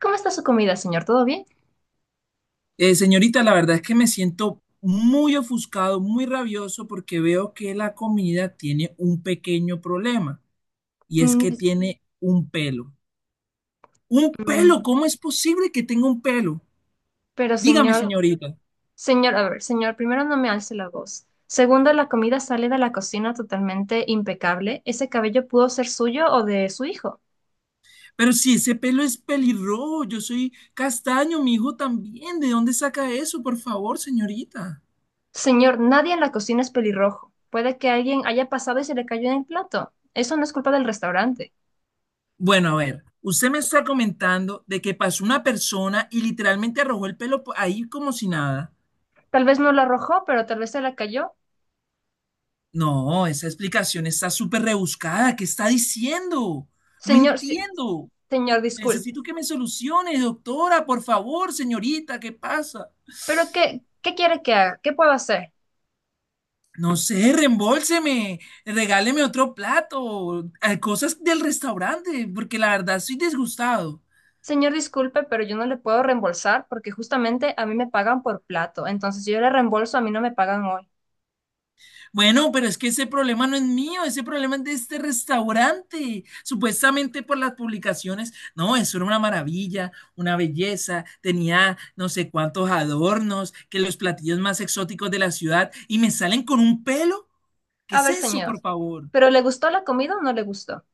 ¿Cómo está su comida, señor? ¿Todo bien? Señorita, la verdad es que me siento muy ofuscado, muy rabioso, porque veo que la comida tiene un pequeño problema, y es "Mm, que dis- tiene un pelo. ¿Un pelo? mm, ¿Cómo es posible que tenga un pelo? pero, Dígame, señor, señorita. señor, a ver, señor, primero no me alce la voz. Segundo, la comida sale de la cocina totalmente impecable. Ese cabello pudo ser suyo o de su hijo. Pero si ese pelo es pelirrojo, yo soy castaño, mi hijo también. ¿De dónde saca eso, por favor, señorita? Señor, nadie en la cocina es pelirrojo. Puede que alguien haya pasado y se le cayó en el plato. Eso no es culpa del restaurante. Bueno, a ver, usted me está comentando de que pasó una persona y literalmente arrojó el pelo ahí como si nada. Tal vez no lo arrojó, pero tal vez se le cayó. No, esa explicación está súper rebuscada. ¿Qué está diciendo? No Señor, entiendo. señor, disculpe. Necesito que me solucione, doctora, por favor, señorita, ¿qué pasa? ¿Pero qué quiere que haga? ¿Qué puedo hacer? No sé, reembolseme, regáleme otro plato, cosas del restaurante, porque la verdad estoy disgustado. Señor, disculpe, pero yo no le puedo reembolsar porque justamente a mí me pagan por plato. Entonces, si yo le reembolso, a mí no me pagan hoy. Bueno, pero es que ese problema no es mío, ese problema es de este restaurante. Supuestamente por las publicaciones, no, eso era una maravilla, una belleza, tenía no sé cuántos adornos, que los platillos más exóticos de la ciudad y me salen con un pelo. ¿Qué A es ver, eso, señor, por favor? ¿pero le gustó la comida o no le gustó?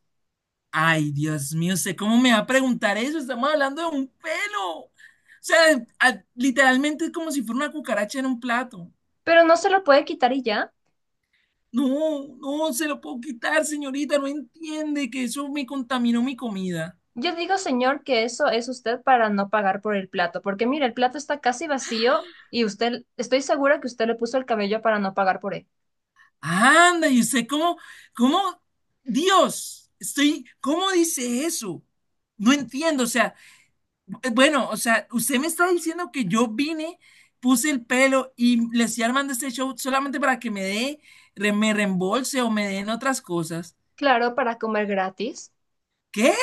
Ay, Dios mío, ¿usted cómo me va a preguntar eso? Estamos hablando de un pelo. O sea, literalmente es como si fuera una cucaracha en un plato. Pero no se lo puede quitar y ya. No, no se lo puedo quitar, señorita, no entiende que eso me contaminó mi comida. Yo digo, señor, que eso es usted para no pagar por el plato, porque mire, el plato está casi vacío y usted, estoy segura que usted le puso el cabello para no pagar por él. Anda, y usted cómo, Dios, estoy, ¿cómo dice eso? No entiendo, o sea, bueno, o sea, usted me está diciendo que yo vine, puse el pelo y le estoy armando este show solamente para que me dé, me reembolse o me den otras cosas. Claro, para comer gratis. ¿Qué?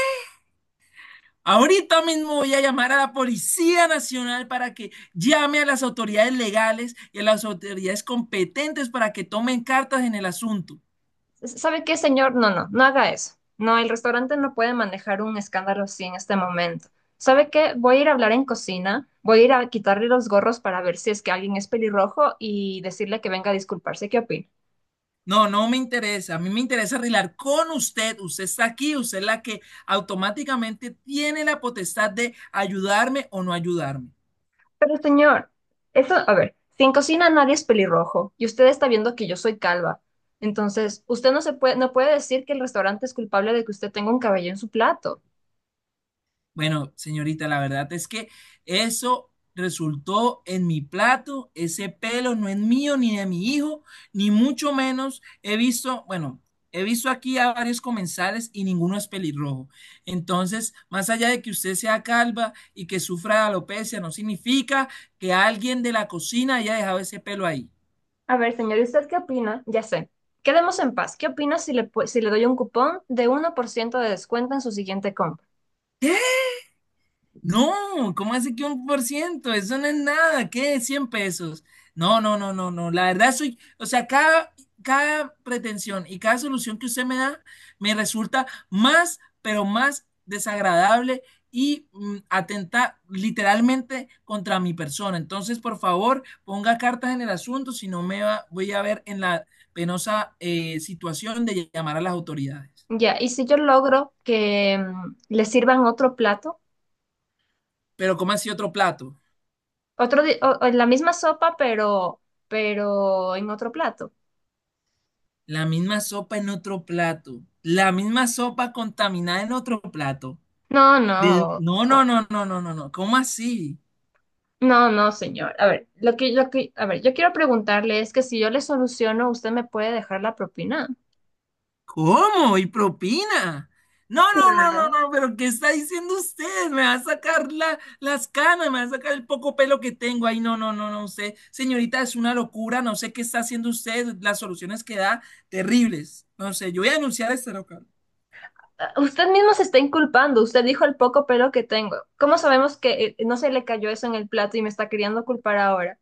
Ahorita mismo voy a llamar a la Policía Nacional para que llame a las autoridades legales y a las autoridades competentes para que tomen cartas en el asunto. ¿Sabe qué, señor? No, no, no haga eso. No, el restaurante no puede manejar un escándalo así en este momento. ¿Sabe qué? Voy a ir a hablar en cocina, voy a ir a quitarle los gorros para ver si es que alguien es pelirrojo y decirle que venga a disculparse. ¿Qué opina? No, no me interesa. A mí me interesa arreglar con usted. Usted está aquí, usted es la que automáticamente tiene la potestad de ayudarme o no ayudarme. Pero, señor, eso, a ver, si en cocina nadie es pelirrojo y usted está viendo que yo soy calva, entonces usted no puede decir que el restaurante es culpable de que usted tenga un cabello en su plato. Bueno, señorita, la verdad es que eso resultó en mi plato, ese pelo no es mío ni de mi hijo, ni mucho menos he visto, bueno, he visto aquí a varios comensales y ninguno es pelirrojo. Entonces, más allá de que usted sea calva y que sufra de alopecia, no significa que alguien de la cocina haya dejado ese pelo ahí. A ver, señor, ¿y usted qué opina? Ya sé. Quedemos en paz. ¿Qué opina si le, si le doy un cupón de 1% de descuento en su siguiente compra? No, ¿cómo así que 1%? Eso no es nada, ¿qué? 100 pesos. No, no, no, no, no. La verdad soy, o sea, cada pretensión y cada solución que usted me da me resulta más, pero más desagradable y atenta literalmente contra mi persona. Entonces, por favor, ponga cartas en el asunto, si no me voy a ver en la penosa situación de llamar a las autoridades. Ya, ¿y si yo logro que le sirvan otro plato, Pero, ¿cómo así otro plato? O la misma sopa, pero en otro plato? La misma sopa en otro plato. La misma sopa contaminada en otro plato. No, De- no, No, o- no, no, no, no, no, no. ¿Cómo así? no, no, señor. A ver, a ver, yo quiero preguntarle es que si yo le soluciono, ¿usted me puede dejar la propina? ¿Cómo? ¿Y propina? No, no, no, Claro. no, no, pero ¿qué está diciendo usted? Me va a sacar la- las canas, me va a sacar el poco pelo que tengo. Ay, no, no, no, no, usted, señorita, es una locura, no sé qué está haciendo usted, las soluciones que da, terribles. No sé, yo voy a denunciar a este local. Ah, usted mismo se está inculpando, usted dijo el poco pelo que tengo. ¿Cómo sabemos que no se le cayó eso en el plato y me está queriendo culpar ahora?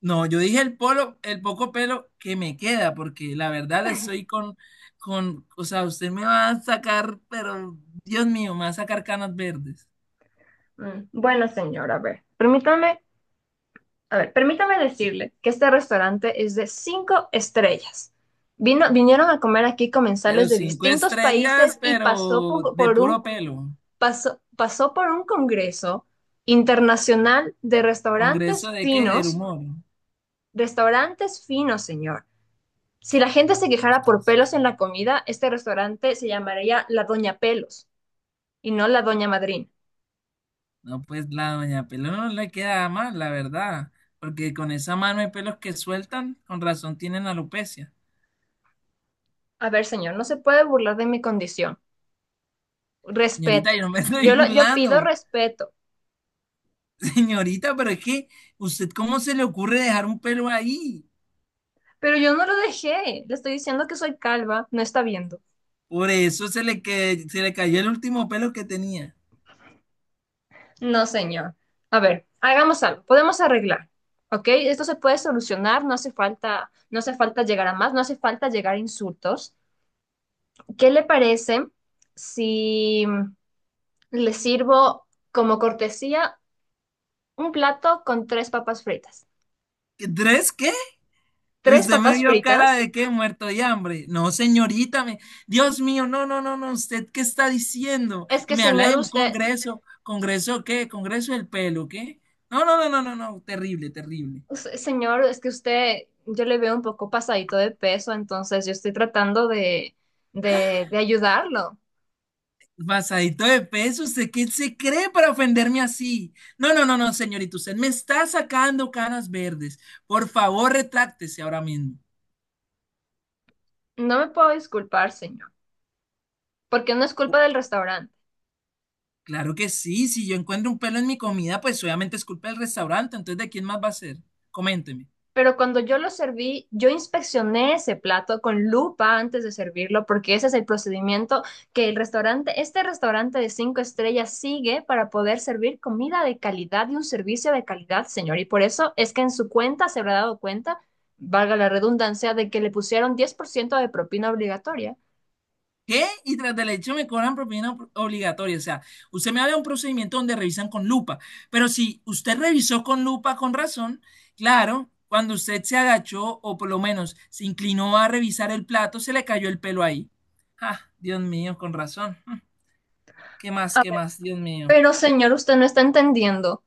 No, yo dije el poco pelo que me queda, porque la verdad estoy con, o sea, usted me va a sacar, pero Dios mío, me va a sacar canas verdes. Bueno, señor, a ver, permítame decirle que este restaurante es de cinco estrellas. Vinieron a comer aquí comensales Pero de cinco distintos estrellas, países y pero de puro pelo. pasó por un congreso internacional de ¿Congreso de qué? Del humor. restaurantes finos, señor. Si la gente se quejara por pelos en la comida, este restaurante se llamaría La Doña Pelos y no La Doña Madrina. No, pues la doña pelo no le queda mal, la verdad, porque con esa mano de pelos que sueltan, con razón tienen alopecia. A ver, señor, no se puede burlar de mi condición. Señorita, Respeto. yo no me estoy Yo pido burlando. respeto, Señorita, pero es que, ¿usted cómo se le ocurre dejar un pelo ahí? pero yo no lo dejé. Le estoy diciendo que soy calva, no está viendo. Por eso se le, que, se le cayó el último pelo que tenía. No, señor. A ver, hagamos algo, podemos arreglar. ¿Ok? Esto se puede solucionar, no hace falta, no hace falta llegar a más, no hace falta llegar a insultos. ¿Qué le parece si le sirvo como cortesía un plato con tres papas fritas? ¿Qué- ¿Tres qué? ¿Tres Usted me papas vio cara fritas? de qué, muerto de hambre. No, señorita, Dios mío, no, no, no, no, ¿usted qué está diciendo? Es Y que, me habla señor, de un usted, congreso, ¿congreso qué? ¿Congreso del pelo, qué? No, no, no, no, no, no, terrible, terrible. Señor, es que usted, yo le veo un poco pasadito de peso, entonces yo estoy tratando de ayudarlo. Pasadito de peso, ¿usted qué se cree para ofenderme así? No, no, no, no, señorita, usted me está sacando canas verdes. Por favor, retráctese ahora mismo. No me puedo disculpar, señor, porque no es culpa del restaurante. Claro que sí, si yo encuentro un pelo en mi comida, pues obviamente es culpa del restaurante, entonces ¿de quién más va a ser? Coménteme. Pero cuando yo lo serví, yo inspeccioné ese plato con lupa antes de servirlo, porque ese es el procedimiento que este restaurante de cinco estrellas sigue para poder servir comida de calidad y un servicio de calidad, señor. Y por eso es que en su cuenta se habrá dado cuenta, valga la redundancia, de que le pusieron 10% de propina obligatoria. ¿Qué? Y tras del hecho me cobran propina obligatoria. O sea, usted me habla de un procedimiento donde revisan con lupa, pero si usted revisó con lupa con razón, claro, cuando usted se agachó o por lo menos se inclinó a revisar el plato, se le cayó el pelo ahí. Ah, Dios mío, con razón. ¿Qué más? A ¿Qué ver, más? Dios mío. pero señor, usted no está entendiendo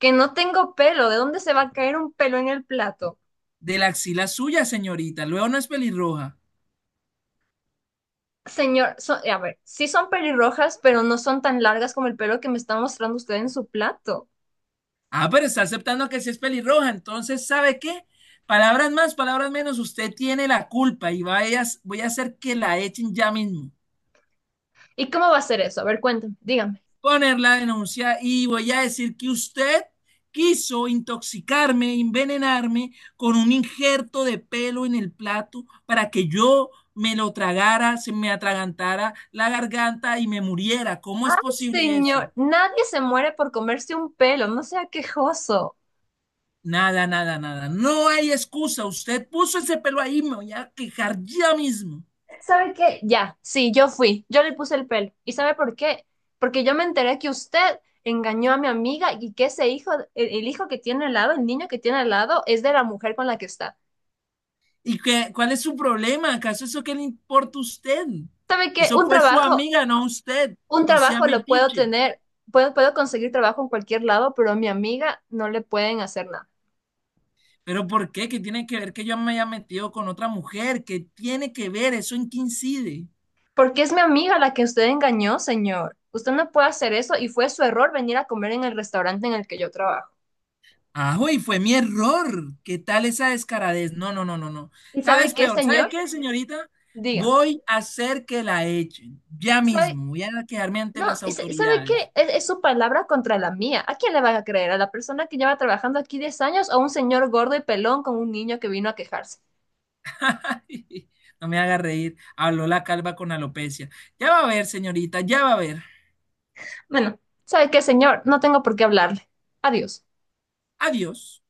que no tengo pelo. ¿De dónde se va a caer un pelo en el plato? De la axila suya, señorita. Luego no es pelirroja. Señor, a ver, sí son pelirrojas, pero no son tan largas como el pelo que me está mostrando usted en su plato. Ah, pero está aceptando que sí es pelirroja. Entonces, ¿sabe qué? Palabras más, palabras menos. Usted tiene la culpa y voy a hacer que la echen ya mismo. ¿Y cómo va a ser eso? A ver, cuéntame, dígame. Poner la denuncia y voy a decir que usted quiso intoxicarme, envenenarme con un injerto de pelo en el plato para que yo me lo tragara, se me atragantara la garganta y me muriera. ¿Cómo Ay, es posible eso? señor, nadie se muere por comerse un pelo, no sea quejoso. Nada, nada, nada. No hay excusa. Usted puso ese pelo ahí, me voy a quejar ya mismo. ¿Sabe qué? Ya, sí, yo fui, yo le puse el pelo. ¿Y sabe por qué? Porque yo me enteré que usted engañó a mi amiga y que ese hijo, el hijo que tiene al lado, el niño que tiene al lado, es de la mujer con la que está. ¿Y qué, cuál es su problema? ¿Acaso eso qué le importa a usted? ¿Sabe qué? Eso fue su amiga, no usted. Un No sea trabajo lo puedo metiche. tener, puedo conseguir trabajo en cualquier lado, pero a mi amiga no le pueden hacer nada. ¿Pero por qué? ¿Qué tiene que ver que yo me haya metido con otra mujer? ¿Qué tiene que ver? ¿Eso en qué incide? Porque es mi amiga la que usted engañó, señor. Usted no puede hacer eso y fue su error venir a comer en el restaurante en el que yo trabajo. Ah, y fue mi error. ¿Qué tal esa descaradez? No, no, no, no, no. ¿Y Cada sabe vez qué, peor. ¿Sabe señor? qué, señorita? Diga, Voy a hacer que la echen. Ya ¿sabe? mismo. Voy a quejarme ante No, las ¿sabe autoridades. qué? Es su palabra contra la mía. ¿A quién le van a creer? ¿A la persona que lleva trabajando aquí 10 años o a un señor gordo y pelón con un niño que vino a quejarse? No me haga reír. Habló la calva con alopecia. Ya va a ver, señorita, ya va a ver. Bueno, ¿sabe qué, señor? No tengo por qué hablarle. Adiós. Adiós.